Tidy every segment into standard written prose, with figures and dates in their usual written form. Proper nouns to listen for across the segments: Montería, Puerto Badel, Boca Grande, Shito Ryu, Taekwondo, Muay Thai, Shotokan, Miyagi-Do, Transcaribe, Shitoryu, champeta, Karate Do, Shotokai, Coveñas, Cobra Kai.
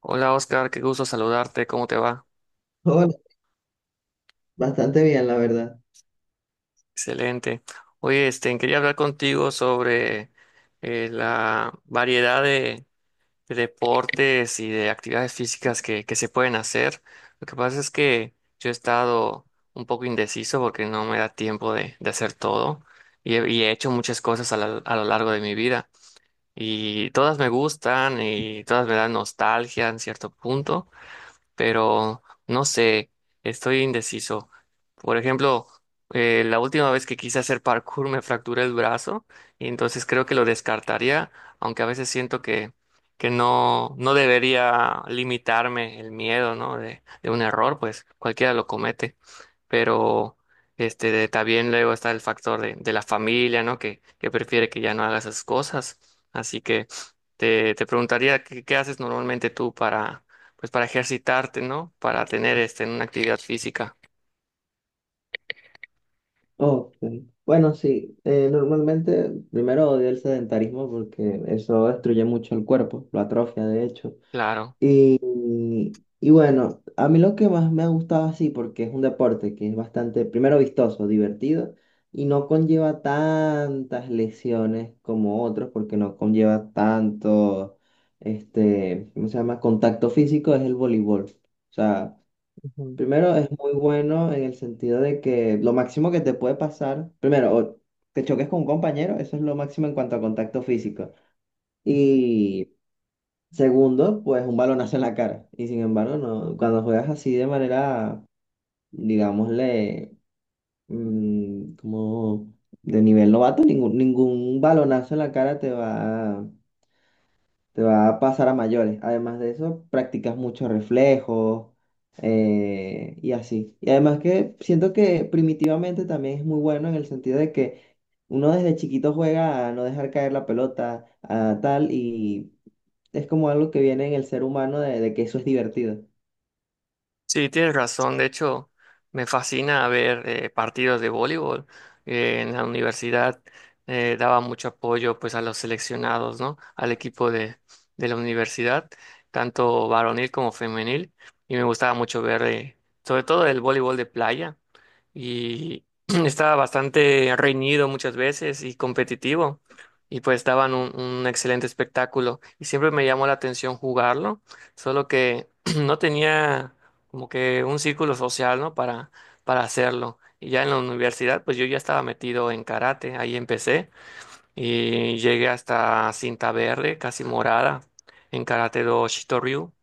Hola Oscar, qué gusto saludarte, ¿cómo te va? Hola, bastante bien, la verdad. Excelente. Oye, quería hablar contigo sobre la variedad de deportes y de actividades físicas que se pueden hacer. Lo que pasa es que yo he estado un poco indeciso porque no me da tiempo de hacer todo y he hecho muchas cosas a lo largo de mi vida y todas me gustan y todas me dan nostalgia en cierto punto pero no sé, estoy indeciso. Por ejemplo, la última vez que quise hacer parkour me fracturé el brazo y entonces creo que lo descartaría, aunque a veces siento que no, no debería limitarme el miedo, ¿no? De un error, pues cualquiera lo comete pero también luego está el factor de la familia, ¿no? Que prefiere que ya no hagas esas cosas. Así que te preguntaría qué haces normalmente tú para pues para ejercitarte, ¿no? Para tener este, una actividad física. Ok. Bueno, sí, normalmente primero odio el sedentarismo porque eso destruye mucho el cuerpo, lo atrofia de hecho. Claro. Y, y bueno, a mí lo que más me ha gustado así, porque es un deporte que es bastante, primero vistoso, divertido, y no conlleva tantas lesiones como otros, porque no conlleva tanto, este, ¿cómo se llama? Contacto físico, es el voleibol. O sea, Ujú, primero, es muy bueno en el sentido de que lo máximo que te puede pasar, primero, o te choques con un compañero, eso es lo máximo en cuanto a contacto físico. ujú. Y segundo, pues un balonazo en la cara. Y sin embargo, no, cuando juegas así de manera, digámosle, como de nivel novato, ningún balonazo en la cara te va a pasar a mayores. Además de eso, practicas muchos reflejos y así. Y además que siento que primitivamente también es muy bueno en el sentido de que uno desde chiquito juega a no dejar caer la pelota, a tal, y es como algo que viene en el ser humano de que eso es divertido. Sí, tienes razón. De hecho, me fascina ver partidos de voleibol. En la universidad daba mucho apoyo pues a los seleccionados, ¿no? Al equipo de la universidad, tanto varonil como femenil. Y me gustaba mucho ver, sobre todo el voleibol de playa. Y estaba bastante reñido muchas veces y competitivo y pues daban un excelente espectáculo y siempre me llamó la atención jugarlo, solo que no tenía como que un círculo social, ¿no? Para hacerlo. Y ya en la universidad, pues yo ya estaba metido en karate, ahí empecé y llegué hasta cinta verde, casi morada, en karate do Shitoryu.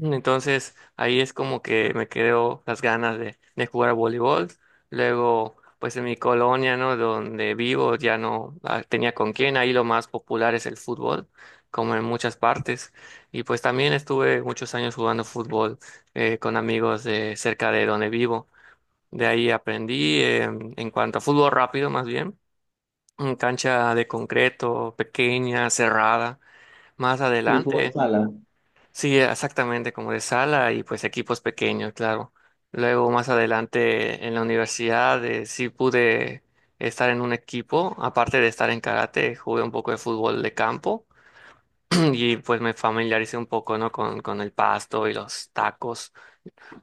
Entonces ahí es como que me quedó las ganas de jugar a voleibol. Luego, pues en mi colonia, ¿no? Donde vivo ya no tenía con quién. Ahí lo más popular es el fútbol, como en muchas partes. Y pues también estuve muchos años jugando fútbol con amigos de cerca de donde vivo. De ahí aprendí en cuanto a fútbol rápido, más bien, en cancha de concreto, pequeña, cerrada. Más Y fútbol adelante. sala. Sí, exactamente, como de sala y pues equipos pequeños, claro. Luego más adelante en la universidad sí pude estar en un equipo, aparte de estar en karate, jugué un poco de fútbol de campo y pues me familiaricé un poco, ¿no? Con el pasto y los tacos.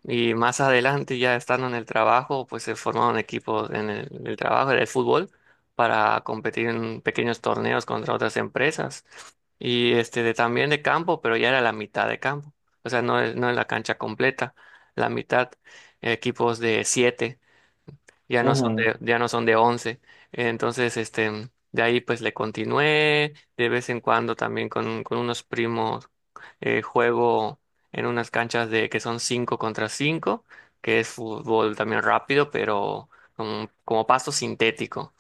Y más adelante, ya estando en el trabajo, pues se formaron equipos en el trabajo del fútbol para competir en pequeños torneos contra otras empresas. Y también de campo, pero ya era la mitad de campo. O sea, no es, no es la cancha completa, la mitad, equipos de siete ya no son Ajá. de, ya no son de once. Entonces, de ahí pues le continué, de vez en cuando también con unos primos juego en unas canchas de que son 5 contra cinco, que es fútbol también rápido, pero como, como pasto sintético.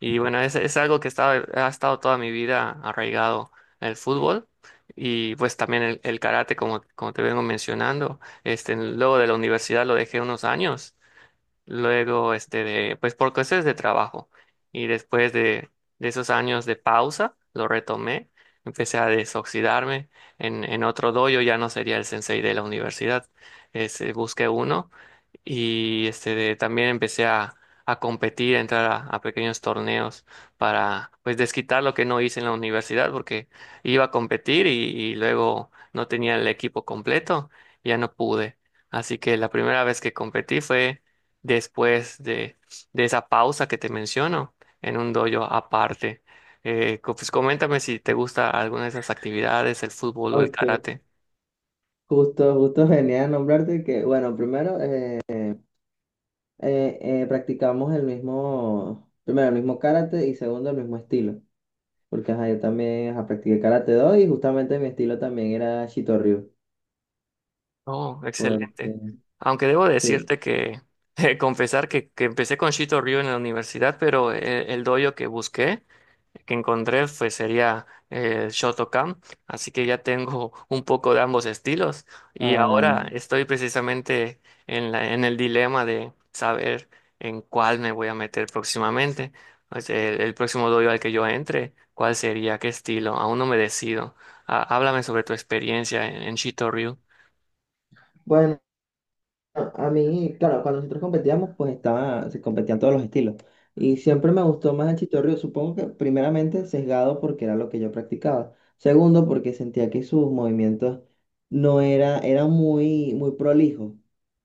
Y bueno, es algo que estaba, ha estado toda mi vida arraigado el fútbol. Y pues también el karate, como, como te vengo mencionando, luego de la universidad lo dejé unos años luego pues por cuestiones de trabajo. Y después de esos años de pausa, lo retomé, empecé a desoxidarme en otro dojo, ya no sería el sensei de la universidad. Este, busqué uno y también empecé a competir, a entrar a pequeños torneos para pues desquitar lo que no hice en la universidad porque iba a competir y luego no tenía el equipo completo, ya no pude. Así que la primera vez que competí fue después de esa pausa que te menciono en un dojo aparte. Pues coméntame si te gusta alguna de esas actividades, el fútbol o el Ok. karate. Justo, justo venía a nombrarte que, bueno, primero... practicamos el mismo, primero el mismo karate y segundo el mismo estilo. Porque ajá, yo también ajá, practiqué Karate Do y justamente mi estilo también era Shitoryu. Oh, Porque, excelente. Aunque debo sí, decirte que, confesar que empecé con Shito Ryu en la universidad, pero doyo que busqué, que encontré, pues sería Shotokan. Así que ya tengo un poco de ambos estilos. Y ah, ahora estoy precisamente en la, en el dilema de saber en cuál me voy a meter próximamente. O sea, el próximo doyo al que yo entre, ¿cuál sería? ¿Qué estilo? Aún no me decido. Ah, háblame sobre tu experiencia en Shito Ryu. bueno, a mí, claro, cuando nosotros competíamos, pues estaba, se competían todos los estilos. Y siempre me gustó más el Shitoryu, supongo que primeramente sesgado porque era lo que yo practicaba. Segundo, porque sentía que sus movimientos no era, eran muy prolijos,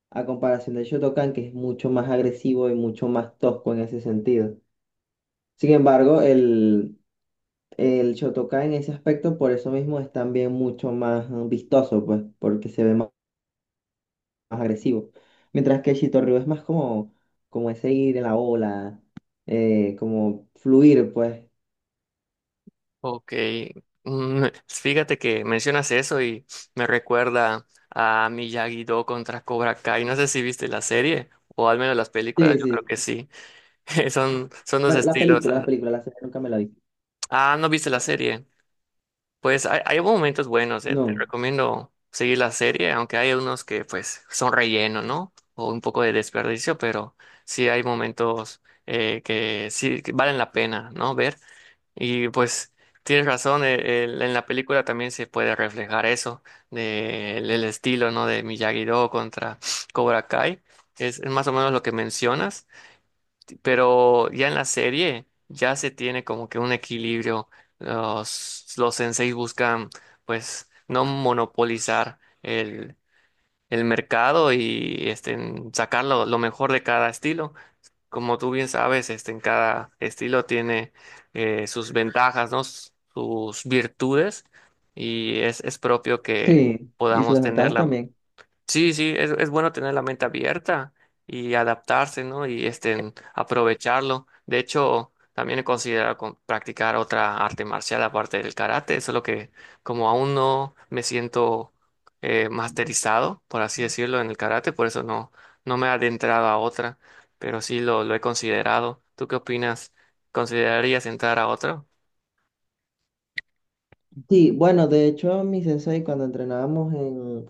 a comparación del Shotokan, que es mucho más agresivo y mucho más tosco en ese sentido. Sin embargo, el Shotokai en ese aspecto, por eso mismo, es también mucho más vistoso, pues, porque se ve más, más agresivo. Mientras que el Shitoryu es más como, como ese ir en la ola, como fluir, pues. Ok, fíjate que mencionas eso y me recuerda a Miyagi-Do contra Cobra Kai. No sé si viste la serie o al menos las películas, Sí, yo creo sí. que sí. Son, son dos Bueno, estilos. La Ah, película, la serie nunca me la vi. ah, no viste la serie. Pues hay momentos buenos, eh. Te No. recomiendo seguir la serie, aunque hay unos que pues son relleno, ¿no? O un poco de desperdicio, pero sí hay momentos que sí que valen la pena, ¿no? Ver. Y pues tienes razón, en la película también se puede reflejar eso, del el estilo, ¿no? De Miyagi-Do contra Cobra Kai, es más o menos lo que mencionas, pero ya en la serie ya se tiene como que un equilibrio, los senseis buscan pues no monopolizar el mercado y este, sacar lo mejor de cada estilo. Como tú bien sabes, este, en cada estilo tiene sus ventajas, ¿no? Sus virtudes y es propio que Sí, y sus podamos desventajas tenerla. también. Sí, sí, es bueno tener la mente abierta y adaptarse, ¿no? Y este, aprovecharlo. De hecho, también he considerado practicar otra arte marcial aparte del karate, solo que como aún no me siento masterizado, por así decirlo, en el karate, por eso no, no me he adentrado a otra, pero sí lo he considerado. ¿Tú qué opinas? ¿Considerarías entrar a otra? Sí, bueno, de hecho, mi sensei, cuando entrenábamos en,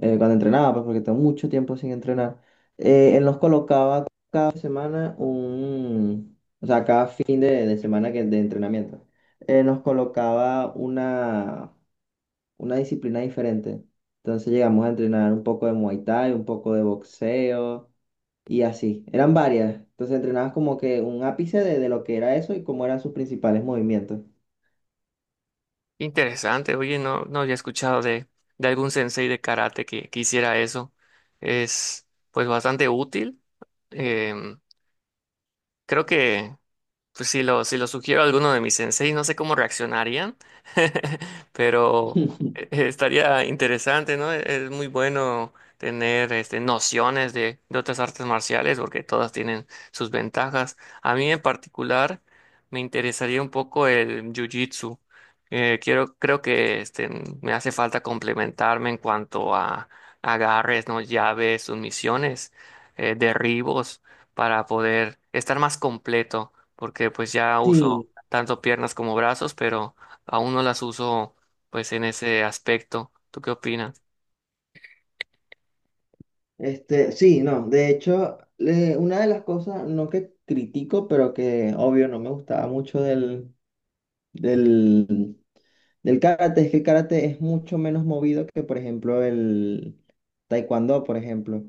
cuando entrenaba, pues porque tengo mucho tiempo sin entrenar, él nos colocaba cada semana un, o sea, cada fin de semana que, de entrenamiento, nos colocaba una disciplina diferente. Entonces llegamos a entrenar un poco de Muay Thai, un poco de boxeo y así. Eran varias. Entonces entrenabas como que un ápice de lo que era eso y cómo eran sus principales movimientos. Interesante, oye, no, no había escuchado de algún sensei de karate que hiciera eso. Es pues bastante útil. Em, creo que pues si lo sugiero a alguno de mis senseis, no sé cómo reaccionarían, pero estaría interesante, ¿no? Es muy bueno tener este, nociones de otras artes marciales porque todas tienen sus ventajas. A mí en particular me interesaría un poco el jiu-jitsu. Quiero, creo que este, me hace falta complementarme en cuanto a agarres, ¿no? Llaves, sumisiones, derribos, para poder estar más completo porque pues ya uso Sí, tanto piernas como brazos, pero aún no las uso pues en ese aspecto. ¿Tú qué opinas? este, sí, no, de hecho, le- una de las cosas, no que critico, pero que obvio no me gustaba mucho del, del karate, es que el karate es mucho menos movido que, por ejemplo, el taekwondo, por ejemplo.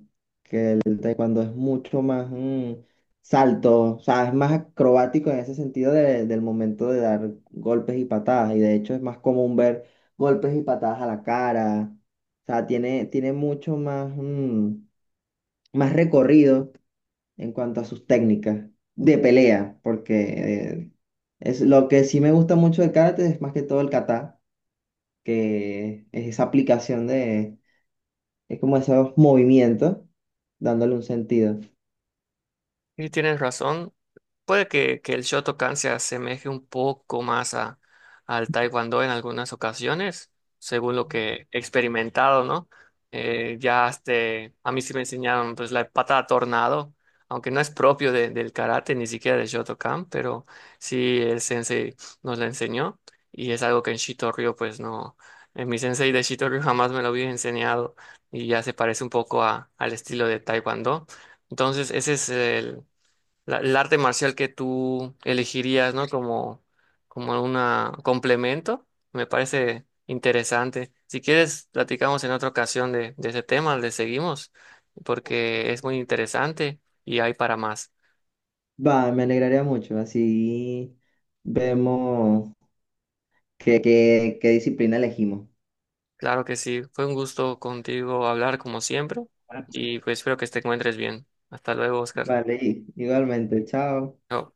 El taekwondo es mucho más salto, o sea, es más acrobático en ese sentido de- del momento de dar golpes y patadas, y de hecho es más común ver golpes y patadas a la cara, o sea, tiene mucho más, más recorrido en cuanto a sus técnicas de pelea, porque es lo que sí me gusta mucho del karate es más que todo el kata, que es esa aplicación de, es como esos movimientos, dándole un sentido. Sí, tienes razón. Puede que el Shotokan se asemeje un poco más al Taekwondo en algunas ocasiones, según lo que he experimentado, ¿no? A mí sí me enseñaron pues la patada tornado, aunque no es propio del karate, ni siquiera del Shotokan, pero sí el sensei nos la enseñó y es algo que en Shitoryu pues no, mi sensei de Shitoryu jamás me lo había enseñado y ya se parece un poco al estilo de Taekwondo. Entonces ese es el arte marcial que tú elegirías, ¿no? Como, como un complemento. Me parece interesante. Si quieres, platicamos en otra ocasión de ese tema, le seguimos, porque es muy interesante y hay para más. Va, me alegraría mucho, así vemos qué disciplina elegimos. Claro que sí, fue un gusto contigo hablar como siempre y pues espero que te encuentres bien. Hasta luego, Oscar. Vale, y- igualmente, chao. Chao.